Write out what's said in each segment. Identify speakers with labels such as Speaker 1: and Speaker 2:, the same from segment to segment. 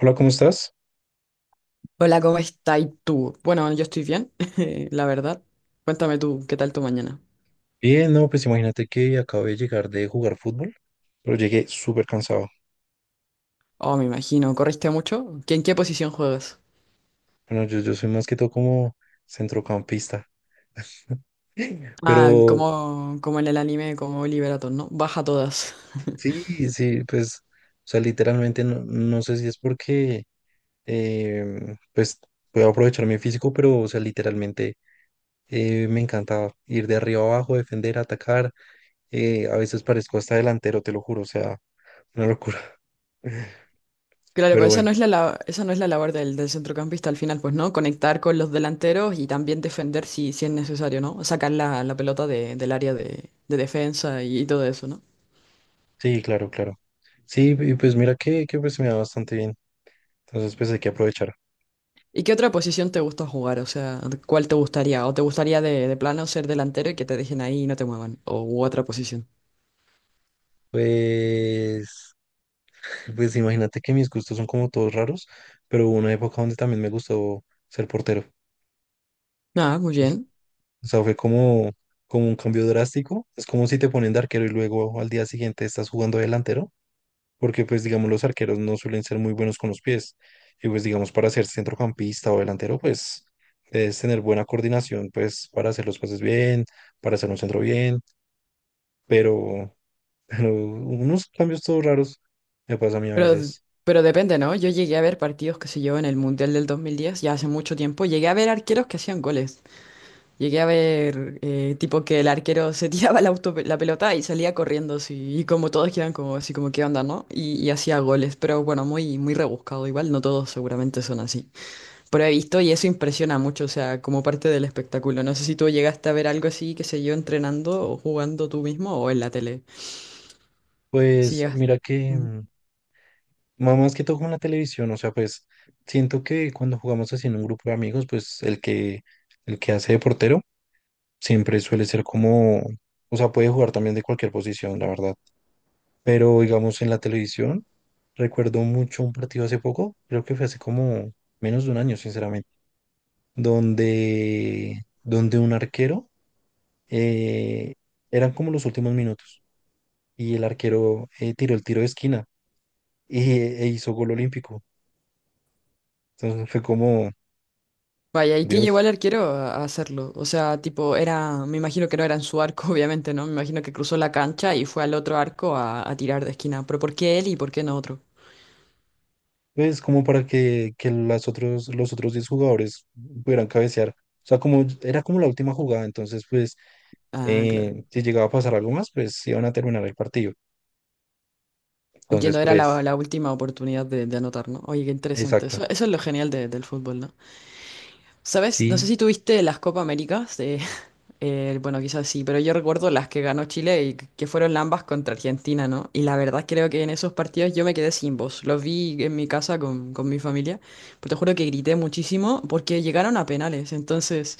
Speaker 1: Hola, ¿cómo estás?
Speaker 2: Hola, ¿cómo estás tú? Bueno, yo estoy bien, la verdad. Cuéntame tú, ¿qué tal tu mañana?
Speaker 1: Bien, no, pues imagínate que acabo de llegar de jugar fútbol, pero llegué súper cansado.
Speaker 2: Oh, me imagino, ¿corriste mucho? ¿En qué posición juegas?
Speaker 1: Bueno, yo soy más que todo como centrocampista,
Speaker 2: Ah,
Speaker 1: pero
Speaker 2: como en el anime, como Liberator, ¿no? Baja todas.
Speaker 1: sí, sí, pues, o sea, literalmente no sé si es porque, pues, voy a aprovechar mi físico, pero, o sea, literalmente me encanta ir de arriba abajo, defender, atacar. A veces parezco hasta delantero, te lo juro, o sea, una locura.
Speaker 2: Claro, pero
Speaker 1: Pero
Speaker 2: esa
Speaker 1: bueno,
Speaker 2: no es esa no es la labor del centrocampista al final, pues, ¿no? Conectar con los delanteros y también defender si es necesario, ¿no? Sacar la pelota del área de defensa y todo eso, ¿no?
Speaker 1: sí, claro, claro. Sí, y pues mira que pues me da bastante bien. Entonces, pues hay que aprovechar.
Speaker 2: ¿Y qué otra posición te gusta jugar? O sea, ¿cuál te gustaría? ¿O te gustaría de plano ser delantero y que te dejen ahí y no te muevan? ¿O u otra posición?
Speaker 1: Pues, pues imagínate que mis gustos son como todos raros, pero hubo una época donde también me gustó ser portero.
Speaker 2: Ah, muy
Speaker 1: Es-
Speaker 2: bien.
Speaker 1: O sea, fue como, como un cambio drástico. Es como si te ponen de arquero y luego al día siguiente estás jugando delantero, porque pues digamos los arqueros no suelen ser muy buenos con los pies. Y pues digamos para ser centrocampista o delantero, pues debes tener buena coordinación, pues para hacer los pases bien, para hacer un centro bien, pero... pero unos cambios todos raros me pasa a mí a
Speaker 2: Pero,
Speaker 1: veces.
Speaker 2: pero depende, ¿no? Yo llegué a ver partidos, que sé yo, en el Mundial del 2010, ya hace mucho tiempo. Llegué a ver arqueros que hacían goles. Llegué a ver, tipo, que el arquero se tiraba la, auto- la pelota y salía corriendo, así, y como todos quedan como, así como, ¿qué onda, no? Y hacía goles, pero bueno, muy, muy rebuscado. Igual no todos seguramente son así. Pero he visto y eso impresiona mucho, o sea, como parte del espectáculo. No sé si tú llegaste a ver algo así, que se yo, entrenando o jugando tú mismo o en la tele. Si
Speaker 1: Pues
Speaker 2: llegas.
Speaker 1: mira que,
Speaker 2: Ujú.
Speaker 1: más que todo con la televisión, o sea, pues siento que cuando jugamos así en un grupo de amigos, pues el que hace de portero siempre suele ser como, o sea, puede jugar también de cualquier posición, la verdad. Pero digamos en la televisión, recuerdo mucho un partido hace poco, creo que fue hace como menos de un año, sinceramente, donde un arquero, eh, eran como los últimos minutos. Y el arquero tiró el tiro de esquina y, e hizo gol olímpico. Entonces fue como,
Speaker 2: Vaya, ¿y qué llevó
Speaker 1: Dios,
Speaker 2: al arquero a hacerlo? O sea, tipo, era, me imagino que no era en su arco, obviamente, ¿no? Me imagino que cruzó la cancha y fue al otro arco a tirar de esquina. Pero ¿por qué él y por qué no otro?
Speaker 1: pues como para que las otros, los otros 10 jugadores pudieran cabecear. O sea, como era como la última jugada, entonces pues
Speaker 2: Ah, claro.
Speaker 1: si llegaba a pasar algo más, pues iban a terminar el partido. Entonces
Speaker 2: Entiendo, era
Speaker 1: pues,
Speaker 2: la última oportunidad de anotar, ¿no? Oye, qué interesante.
Speaker 1: exacto.
Speaker 2: Eso es lo genial del fútbol, ¿no? ¿Sabes? No sé
Speaker 1: Sí,
Speaker 2: si tuviste las Copa Américas bueno, quizás sí, pero yo recuerdo las que ganó Chile y que fueron ambas contra Argentina, ¿no? Y la verdad creo que en esos partidos yo me quedé sin voz. Los vi en mi casa con mi familia, pero te juro que grité muchísimo porque llegaron a penales. Entonces,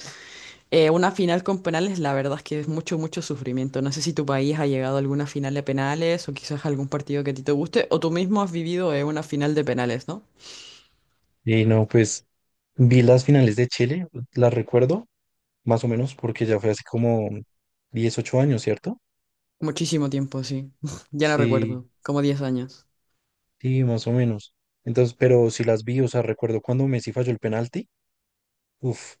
Speaker 2: una final con penales, la verdad es que es mucho, mucho sufrimiento. No sé si tu país ha llegado a alguna final de penales o quizás algún partido que a ti te guste o tú mismo has vivido una final de penales, ¿no?
Speaker 1: y no, pues vi las finales de Chile, las recuerdo más o menos porque ya fue hace como 18 años, ¿cierto?
Speaker 2: Muchísimo tiempo, sí. Ya no
Speaker 1: Sí,
Speaker 2: recuerdo, como 10 años.
Speaker 1: sí, más o menos. Entonces, pero si las vi, o sea, recuerdo cuando Messi falló el penalti. Uf,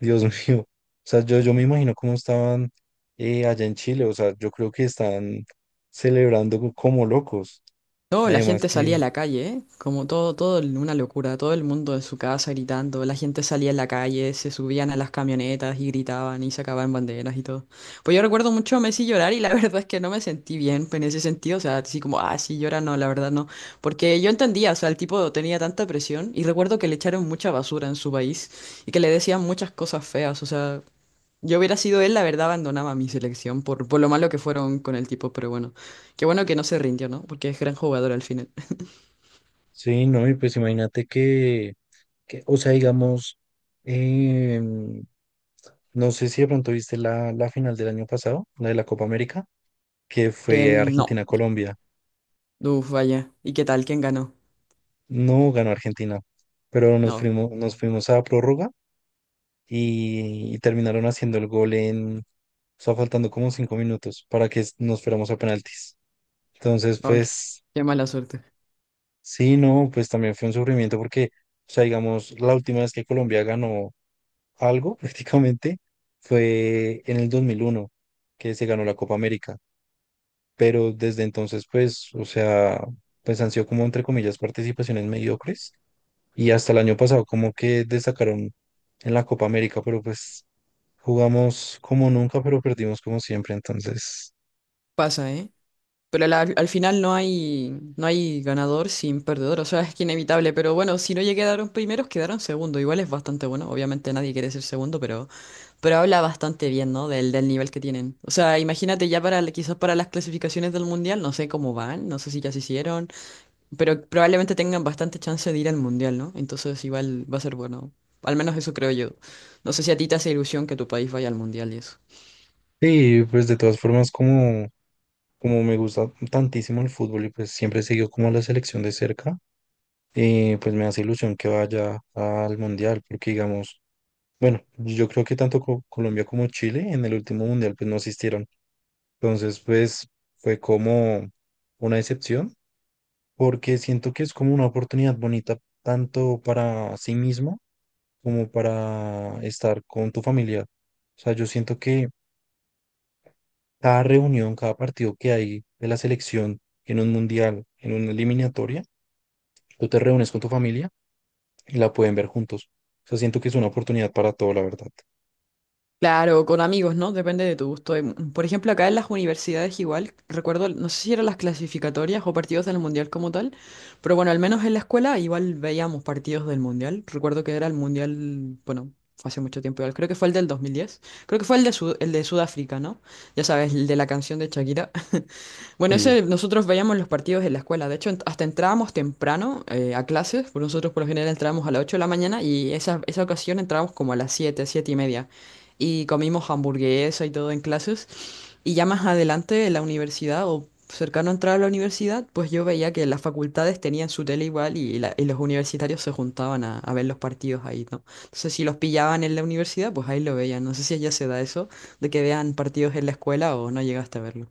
Speaker 1: Dios mío. O sea, yo me imagino cómo estaban allá en Chile. O sea, yo creo que están celebrando como locos.
Speaker 2: No, la
Speaker 1: Además
Speaker 2: gente salía a
Speaker 1: que,
Speaker 2: la calle, ¿eh? Como todo, una locura, todo el mundo en su casa gritando, la gente salía a la calle, se subían a las camionetas y gritaban y sacaban banderas y todo. Pues yo recuerdo mucho a Messi llorar y la verdad es que no me sentí bien en ese sentido, o sea, así como, ah, sí llora, no, la verdad no. Porque yo entendía, o sea, el tipo tenía tanta presión y recuerdo que le echaron mucha basura en su país y que le decían muchas cosas feas, o sea, yo hubiera sido él, la verdad, abandonaba mi selección por lo malo que fueron con el tipo, pero bueno, qué bueno que no se rindió, ¿no? Porque es gran jugador al final.
Speaker 1: sí, no, y pues imagínate o sea, digamos, em, no sé si de pronto viste la, la final del año pasado, la de la Copa América, que fue
Speaker 2: No,
Speaker 1: Argentina-Colombia.
Speaker 2: uf, vaya. ¿Y qué tal? ¿Quién ganó?
Speaker 1: No ganó Argentina, pero nos
Speaker 2: No,
Speaker 1: fuimos, nos fuimos a prórroga y terminaron haciendo el gol en, o sea, faltando como 5 minutos para que nos fuéramos a penaltis. Entonces,
Speaker 2: no, qué
Speaker 1: pues,
Speaker 2: qué mala suerte.
Speaker 1: sí, no, pues también fue un sufrimiento porque, o sea, digamos, la última vez que Colombia ganó algo prácticamente fue en el 2001 que se ganó la Copa América. Pero desde entonces, pues, o sea, pues han sido como, entre comillas, participaciones mediocres. Y hasta el año pasado como que destacaron en la Copa América, pero pues jugamos como nunca, pero perdimos como siempre. Entonces,
Speaker 2: Pasa, ¿eh? Pero al final no hay, no hay ganador sin perdedor, o sea, es que inevitable, pero bueno, si no llegaron primeros, quedaron segundo, igual es bastante bueno, obviamente nadie quiere ser segundo, pero... Pero habla bastante bien, ¿no? Del nivel que tienen. O sea, imagínate ya para quizás para las clasificaciones del mundial, no sé cómo van, no sé si ya se hicieron, pero probablemente tengan bastante chance de ir al mundial, ¿no? Entonces igual va a ser bueno. Al menos eso creo yo. No sé si a ti te hace ilusión que tu país vaya al mundial y eso.
Speaker 1: sí, pues de todas formas, como, como me gusta tantísimo el fútbol y pues siempre sigo como a la selección de cerca, pues me hace ilusión que vaya al mundial, porque digamos, bueno, yo creo que tanto Colombia como Chile en el último mundial pues no asistieron. Entonces, pues fue como una decepción porque siento que es como una oportunidad bonita tanto para sí mismo como para estar con tu familia. O sea, yo siento que cada reunión, cada partido que hay de la selección en un mundial, en una eliminatoria, tú te reúnes con tu familia y la pueden ver juntos. O sea, siento que es una oportunidad para todo, la verdad.
Speaker 2: Claro, con amigos, ¿no? Depende de tu gusto. Por ejemplo, acá en las universidades igual, recuerdo, no sé si eran las clasificatorias o partidos del Mundial como tal, pero bueno, al menos en la escuela igual veíamos partidos del Mundial. Recuerdo que era el Mundial, bueno, fue hace mucho tiempo igual, creo que fue el del 2010, creo que fue el de, el de Sudáfrica, ¿no? Ya sabes, el de la canción de Shakira. Bueno,
Speaker 1: Sí.
Speaker 2: ese, nosotros veíamos los partidos en la escuela. De hecho, hasta entrábamos temprano a clases. Por nosotros, por lo general, entrábamos a las 8 de la mañana y esa ocasión entrábamos como a las 7, 7 y media. Y comimos hamburguesa y todo en clases. Y ya más adelante, en la universidad o cercano a entrar a la universidad, pues yo veía que las facultades tenían su tele igual y los universitarios se juntaban a ver los partidos ahí, ¿no? Entonces, si los pillaban en la universidad, pues ahí lo veían. No sé si allá se da eso de que vean partidos en la escuela o no llegaste a verlo.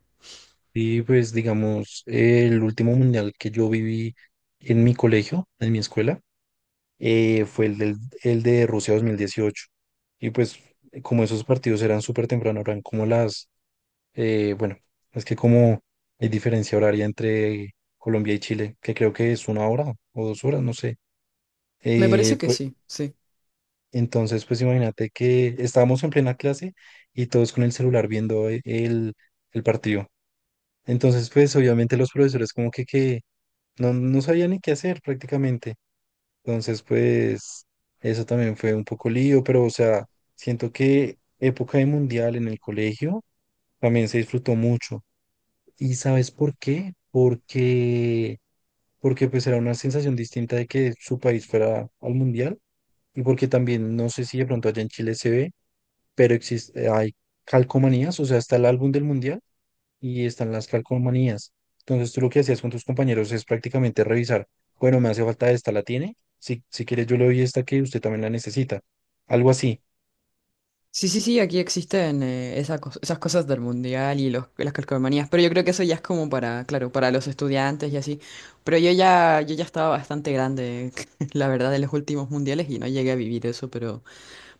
Speaker 1: Y pues, digamos, el último mundial que yo viví en mi colegio, en mi escuela, fue el, del, el de Rusia 2018. Y pues, como esos partidos eran súper temprano, eran como las eh, bueno, es que como hay diferencia horaria entre Colombia y Chile, que creo que es una hora o 2 horas, no sé.
Speaker 2: Me parece que
Speaker 1: Pues,
Speaker 2: sí, sí.
Speaker 1: entonces, pues imagínate que estábamos en plena clase y todos con el celular viendo el partido. Entonces, pues obviamente los profesores como que no sabían ni qué hacer prácticamente. Entonces, pues eso también fue un poco lío, pero o sea, siento que época de mundial en el colegio también se disfrutó mucho. ¿Y sabes por qué? Porque pues era una sensación distinta de que su país fuera al mundial y porque también, no sé si de pronto allá en Chile se ve, pero existe, hay calcomanías, o sea, está el álbum del mundial y están las calcomanías. Entonces tú lo que hacías con tus compañeros es prácticamente revisar, bueno, me hace falta esta, ¿la tiene? Si, si quieres yo le doy esta que usted también la necesita. Algo así.
Speaker 2: Sí, sí, sí, aquí existen esa esas cosas del mundial y las calcomanías, pero yo creo que eso ya es como para, claro, para los estudiantes y así. Pero yo ya, yo ya estaba bastante grande, la verdad, en los últimos mundiales y no llegué a vivir eso,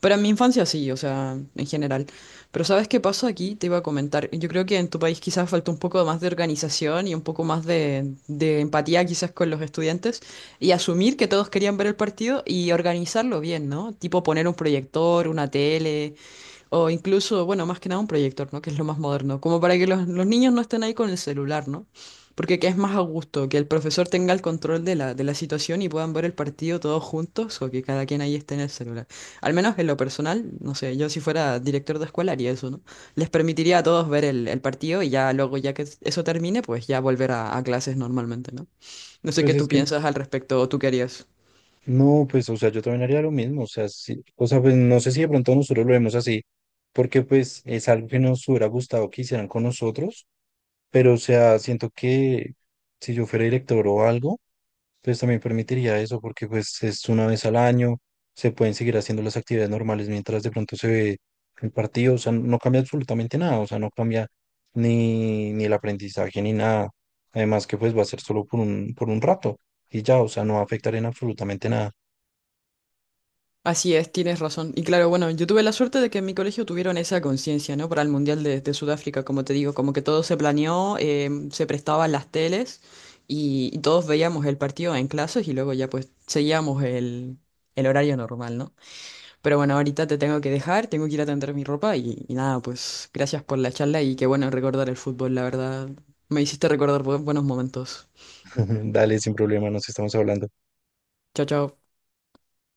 Speaker 2: pero en mi infancia sí, o sea, en general. Pero ¿sabes qué pasó aquí? Te iba a comentar. Yo creo que en tu país quizás faltó un poco más de organización y un poco más de empatía quizás con los estudiantes y asumir que todos querían ver el partido y organizarlo bien, ¿no? Tipo poner un proyector, una tele. O incluso, bueno, más que nada un proyector, ¿no? Que es lo más moderno, como para que los niños no estén ahí con el celular, ¿no? Porque que es más a gusto, que el profesor tenga el control de de la situación y puedan ver el partido todos juntos o que cada quien ahí esté en el celular. Al menos en lo personal, no sé, yo si fuera director de escuela haría eso, ¿no? Les permitiría a todos ver el partido y ya luego, ya que eso termine, pues ya volver a clases normalmente, ¿no? No sé qué
Speaker 1: Pues
Speaker 2: tú
Speaker 1: es que
Speaker 2: piensas al respecto o tú querías
Speaker 1: no, pues, o sea, yo también haría lo mismo, o sea, sí, o sea, pues no sé si de pronto nosotros lo vemos así, porque pues es algo que nos hubiera gustado que hicieran con nosotros, pero o sea, siento que si yo fuera director o algo, pues también permitiría eso, porque pues es una vez al año, se pueden seguir haciendo las actividades normales mientras de pronto se ve el partido, o sea, no cambia absolutamente nada, o sea, no cambia ni el aprendizaje ni nada, además que pues va a ser solo por un rato y ya, o sea, no va a afectar en absolutamente nada.
Speaker 2: Así es, tienes razón. Y claro, bueno, yo tuve la suerte de que en mi colegio tuvieron esa conciencia, ¿no? Para el Mundial de Sudáfrica, como te digo, como que todo se planeó, se prestaban las teles y todos veíamos el partido en clases y luego ya pues seguíamos el horario normal, ¿no? Pero bueno, ahorita te tengo que dejar, tengo que ir a tender mi ropa y nada, pues gracias por la charla y qué bueno recordar el fútbol, la verdad. Me hiciste recordar buenos momentos.
Speaker 1: Dale, sin problema, nos estamos hablando.
Speaker 2: Chao, chao.